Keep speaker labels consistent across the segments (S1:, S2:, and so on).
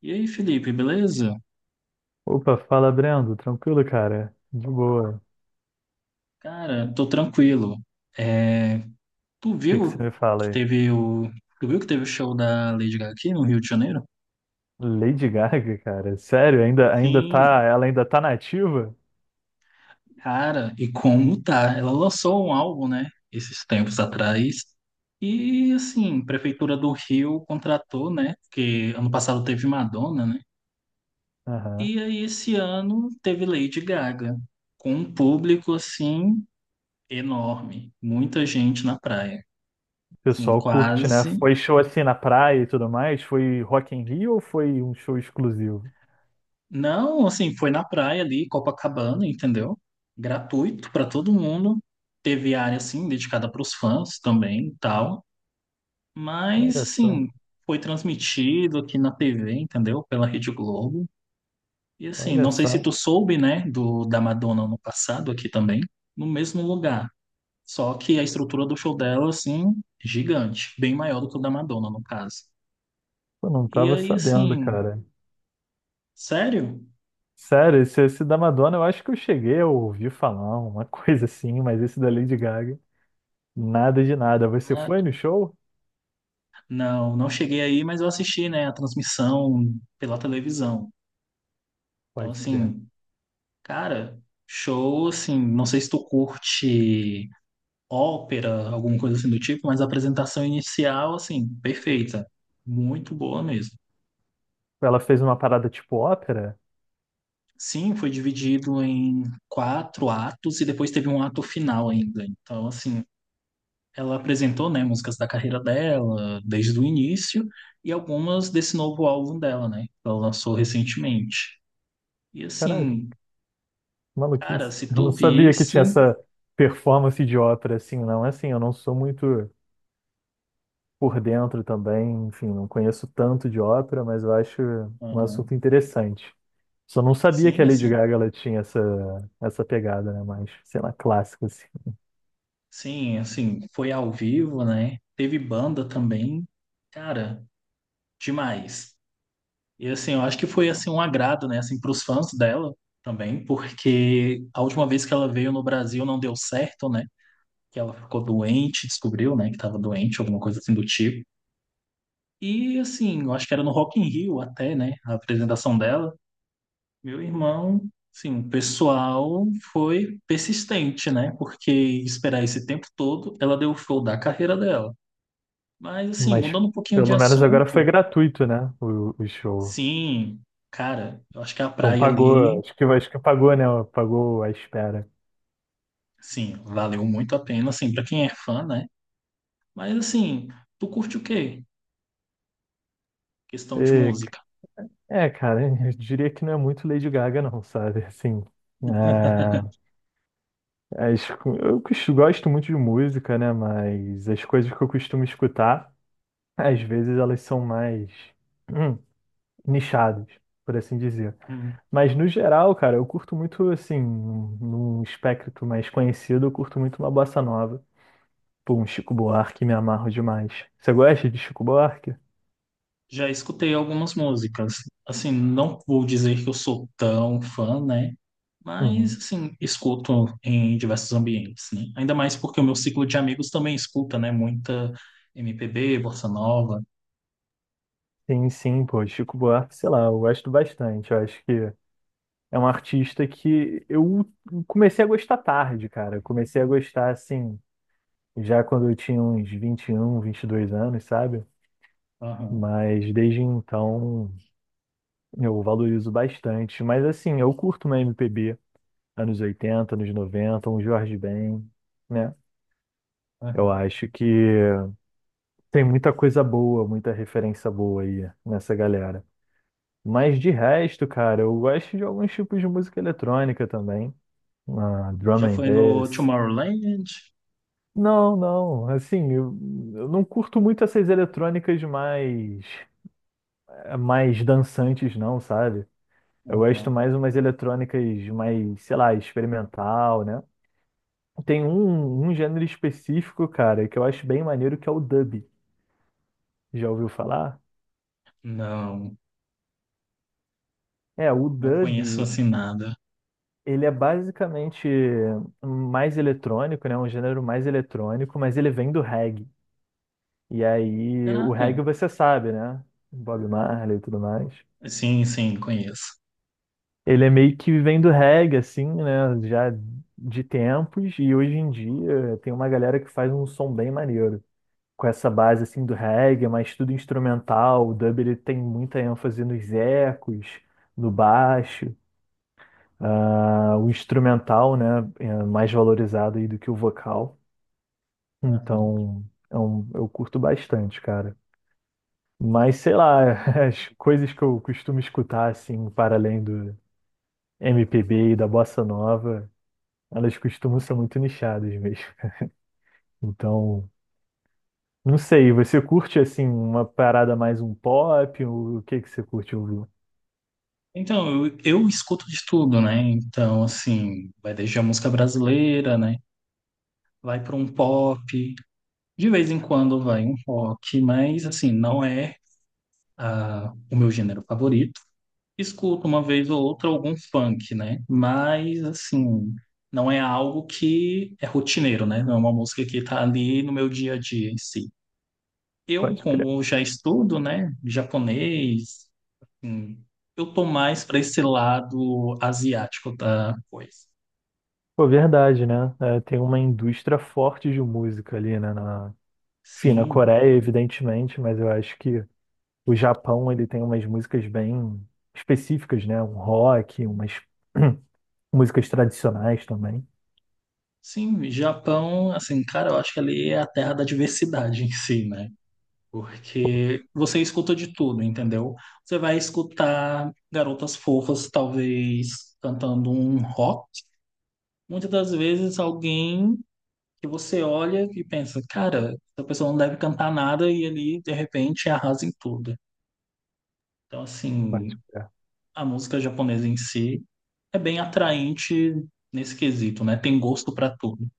S1: E aí, Felipe, beleza?
S2: Opa, fala Brendo, tranquilo, cara? De boa.
S1: Cara, tô tranquilo. É, tu
S2: O que que você
S1: viu
S2: me fala
S1: que
S2: aí?
S1: teve o, tu viu que teve o show da Lady Gaga aqui no Rio de Janeiro?
S2: Lady Gaga, cara, sério? Ainda tá,
S1: Sim,
S2: ela ainda tá nativa?
S1: cara, e como tá? Ela lançou um álbum, né, esses tempos atrás. E assim, Prefeitura do Rio contratou, né? Porque ano passado teve Madonna, né?
S2: Aham.
S1: E aí esse ano teve Lady Gaga, com um público assim enorme, muita gente na praia.
S2: O
S1: Assim,
S2: pessoal curte, né?
S1: quase.
S2: Foi show assim na praia e tudo mais? Foi Rock in Rio ou foi um show exclusivo?
S1: Não, assim, foi na praia ali, Copacabana, entendeu? Gratuito para todo mundo. Teve área, assim, dedicada para os fãs também e tal. Mas,
S2: Olha só,
S1: assim, foi transmitido aqui na TV, entendeu? Pela Rede Globo. E, assim,
S2: olha
S1: não sei se
S2: só.
S1: tu soube, né, da Madonna ano passado aqui também, no mesmo lugar. Só que a estrutura do show dela, assim, gigante. Bem maior do que o da Madonna, no caso.
S2: Eu não
S1: E
S2: tava
S1: aí,
S2: sabendo,
S1: assim,
S2: cara.
S1: sério?
S2: Sério, esse da Madonna eu acho que eu cheguei a ouvir falar uma coisa assim, mas esse da Lady Gaga, nada de nada. Você foi no show?
S1: Não, não cheguei aí, mas eu assisti, né, a transmissão pela televisão. Então,
S2: Pode crer.
S1: assim, cara, show, assim, não sei se tu curte ópera, alguma coisa assim do tipo, mas a apresentação inicial, assim, perfeita. Muito boa mesmo.
S2: Ela fez uma parada tipo ópera?
S1: Sim, foi dividido em quatro atos e depois teve um ato final ainda. Então, assim, ela apresentou, né, músicas da carreira dela desde o início e algumas desse novo álbum dela, né, que ela lançou recentemente. E
S2: Caraca,
S1: assim,
S2: que
S1: cara,
S2: maluquice.
S1: se
S2: Eu
S1: tu
S2: não sabia que
S1: visse,
S2: tinha essa performance de ópera assim, não. É, assim, eu não sou muito por dentro também, enfim, não conheço tanto de ópera, mas eu acho um
S1: uhum.
S2: assunto interessante. Só não sabia que
S1: Sim,
S2: a Lady
S1: assim,
S2: Gaga ela tinha essa pegada, né? Mais, sei lá, clássico, assim.
S1: sim, assim, foi ao vivo, né? Teve banda também, cara, demais. E assim, eu acho que foi assim um agrado, né, assim, para os fãs dela também, porque a última vez que ela veio no Brasil não deu certo, né? Que ela ficou doente, descobriu, né, que estava doente, alguma coisa assim do tipo. E assim, eu acho que era no Rock in Rio até, né, a apresentação dela. Meu irmão, sim, o pessoal foi persistente, né? Porque esperar esse tempo todo, ela deu o show da carreira dela. Mas, assim,
S2: Mas
S1: mudando um pouquinho de
S2: pelo menos agora foi
S1: assunto,
S2: gratuito, né? O show.
S1: sim, cara, eu acho que a
S2: Então
S1: praia
S2: pagou,
S1: ali,
S2: acho que pagou, né? Pagou a espera.
S1: sim, valeu muito a pena, assim, pra quem é fã, né? Mas, assim, tu curte o quê? Questão de
S2: E,
S1: música.
S2: Cara, eu diria que não é muito Lady Gaga, não, sabe? Assim. é, As co- eu cos- Gosto muito de música, né? Mas as coisas que eu costumo escutar, às vezes elas são mais hum, nichadas, por assim dizer.
S1: Hum.
S2: Mas no geral, cara, eu curto muito, assim, num espectro mais conhecido, eu curto muito uma bossa nova. Pô, um Chico Buarque, me amarro demais. Você gosta de Chico Buarque?
S1: Já escutei algumas músicas. Assim, não vou dizer que eu sou tão fã, né? Mas,
S2: Uhum.
S1: assim, escuto em diversos ambientes, né? Ainda mais porque o meu ciclo de amigos também escuta, né? Muita MPB, bossa nova.
S2: Sim, sim, pô, Chico Buarque, sei lá, eu gosto bastante. Eu acho que é um artista que eu comecei a gostar tarde, cara. Eu comecei a gostar, assim. Já quando eu tinha uns 21, dois anos, sabe?
S1: Aham,
S2: Mas desde então eu valorizo bastante. Mas assim, eu curto uma MPB, anos 80 anos 90 um Jorge Ben, né? Eu
S1: aham.
S2: acho que tem muita coisa boa, muita referência boa aí nessa galera. Mas de resto, cara, eu gosto de alguns tipos de música eletrônica também. Ah, drum
S1: Já
S2: and
S1: foi no
S2: bass.
S1: Tomorrowland?
S2: Não, não, assim, eu não curto muito essas eletrônicas mais dançantes, não, sabe? Eu gosto
S1: Aham.
S2: mais umas eletrônicas mais, sei lá, experimental, né? Tem um gênero específico, cara, que eu acho bem maneiro, que é o dub. Já ouviu falar?
S1: Não,
S2: É, o
S1: não conheço
S2: dub,
S1: assim nada.
S2: ele é basicamente mais eletrônico, né? Um gênero mais eletrônico, mas ele vem do reggae. E aí, o
S1: Caraca.
S2: reggae você sabe, né? Bob Marley e tudo mais.
S1: Sim, sim, conheço.
S2: Ele é meio que vivendo reggae, assim, né? Já de tempos, e hoje em dia tem uma galera que faz um som bem maneiro. Com essa base, assim, do reggae, mas tudo instrumental. O dub, ele tem muita ênfase nos ecos, no baixo. O instrumental, né? É mais valorizado aí do que o vocal.
S1: Aham.
S2: Então, eu curto bastante, cara. Mas, sei lá, as coisas que eu costumo escutar, assim, para além do MPB e da bossa nova, elas costumam ser muito nichadas mesmo. Então, não sei, você curte assim uma parada mais um pop? O que que você curte ouvir?
S1: Então, eu escuto de tudo, né? Então, assim, vai desde a música brasileira, né? Vai para um pop, de vez em quando vai um rock, mas assim, não é ah, o meu gênero favorito. Escuto uma vez ou outra algum funk, né? Mas assim, não é algo que é rotineiro, né? Não é uma música que tá ali no meu dia a dia em si. Eu,
S2: Pode crer.
S1: como já estudo, né, japonês, hum, eu tô mais para esse lado asiático da coisa.
S2: Pô, verdade, né? É, tem uma indústria forte de música ali, né? Enfim, na
S1: Sim,
S2: Coreia, evidentemente, mas eu acho que o Japão, ele tem umas músicas bem específicas, né? Um rock, umas músicas tradicionais também.
S1: sim, Japão, assim, cara, eu acho que ali é a terra da diversidade em si, né? Porque você escuta de tudo, entendeu? Você vai escutar garotas fofas, talvez, cantando um rock. Muitas das vezes alguém que você olha e pensa, cara, essa pessoa não deve cantar nada e ali, de repente, arrasa em tudo. Então,
S2: Pode
S1: assim,
S2: crer.
S1: a música japonesa em si é bem atraente nesse quesito, né? Tem gosto pra tudo.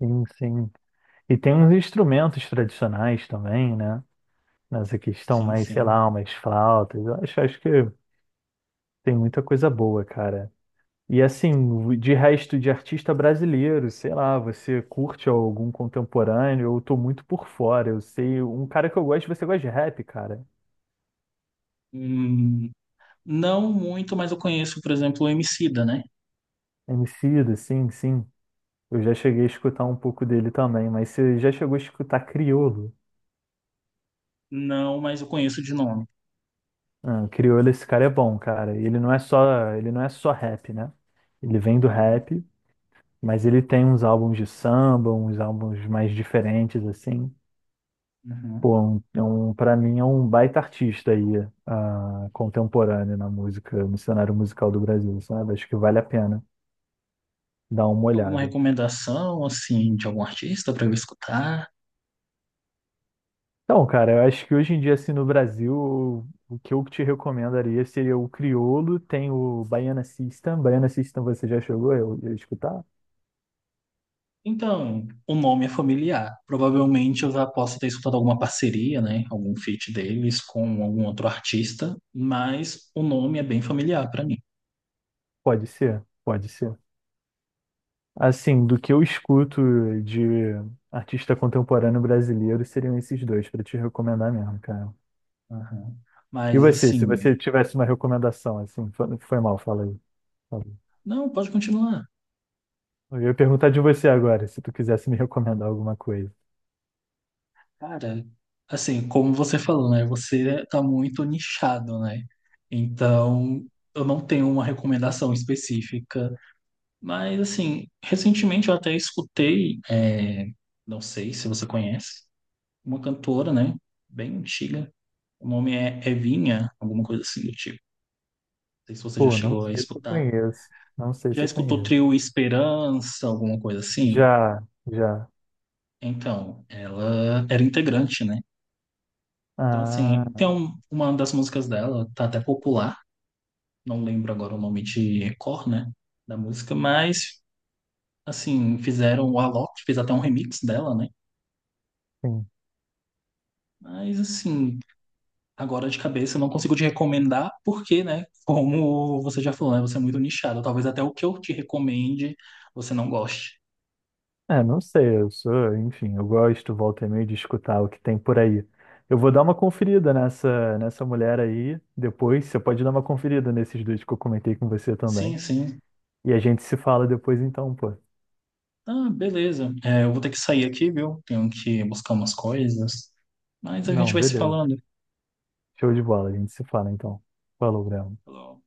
S2: Sim, sim. E tem uns instrumentos tradicionais também, né? Nessa questão
S1: Sim,
S2: mais, sei
S1: sim.
S2: lá, umas flautas. Eu acho que tem muita coisa boa, cara. E assim, de resto de artista brasileiro, sei lá, você curte algum contemporâneo? Eu tô muito por fora. Eu sei, um cara que eu gosto, você gosta de rap, cara?
S1: Hum, não muito, mas eu conheço, por exemplo, o Emicida, né?
S2: Emicida, sim, sim. Eu já cheguei a escutar um pouco dele também, mas você já chegou a escutar Criolo?
S1: Não, mas eu conheço de nome.
S2: Ah, Criolo, esse cara é bom, cara. Ele não é só rap, né? Ele vem do
S1: Tá bom.
S2: rap, mas ele tem uns álbuns de samba, uns álbuns mais diferentes, assim.
S1: Uhum.
S2: Pô, pra mim é um baita artista aí, contemporâneo na música, no cenário musical do Brasil, sabe? Acho que vale a pena dar uma
S1: Tem alguma
S2: olhada.
S1: recomendação, assim, de algum artista para eu escutar?
S2: Então, cara, eu acho que hoje em dia, assim, no Brasil, o que eu te recomendaria seria o Criolo, tem o Baiana System. Baiana System você já chegou a escutar?
S1: Então, o nome é familiar. Provavelmente eu já posso ter escutado alguma parceria, né? Algum feat deles com algum outro artista, mas o nome é bem familiar para mim.
S2: Pode ser, pode ser. Assim, do que eu escuto de artista contemporâneo brasileiro, seriam esses dois para te recomendar mesmo, cara.
S1: Uhum.
S2: E
S1: Mas,
S2: você, se
S1: assim,
S2: você tivesse uma recomendação, assim, foi mal, fala aí.
S1: não, pode continuar.
S2: Eu ia perguntar de você agora, se tu quisesse me recomendar alguma coisa.
S1: Cara, assim, como você falou, né? Você tá muito nichado, né? Então, eu não tenho uma recomendação específica. Mas, assim, recentemente eu até escutei, é, não sei se você conhece, uma cantora, né? Bem antiga. O nome é Evinha, alguma coisa assim do tipo. Não sei se você já
S2: Pô, não
S1: chegou a
S2: sei se eu
S1: escutar.
S2: conheço. Não sei
S1: Já
S2: se eu
S1: escutou o
S2: conheço.
S1: trio Esperança, alguma coisa assim?
S2: Já, já.
S1: Então, ela era integrante, né? Então, assim, tem
S2: Ah,
S1: um- uma das músicas dela, tá até popular, não lembro agora o nome de cor, né, da música, mas, assim, fizeram o Alok, fez até um remix dela, né,
S2: sim.
S1: mas, assim, agora de cabeça eu não consigo te recomendar, porque, né, como você já falou, né, você é muito nichado, talvez até o que eu te recomende você não goste.
S2: É, não sei, eu sou, enfim, eu gosto, volta e meia, de escutar o que tem por aí. Eu vou dar uma conferida nessa mulher aí, depois você pode dar uma conferida nesses dois que eu comentei com você também.
S1: Sim, sim.
S2: E a gente se fala depois então, pô.
S1: Ah, beleza. É, eu vou ter que sair aqui, viu? Tenho que buscar umas coisas, mas a gente
S2: Não,
S1: vai se
S2: beleza.
S1: falando.
S2: Show de bola, a gente se fala então. Falou, Graham.
S1: Falou.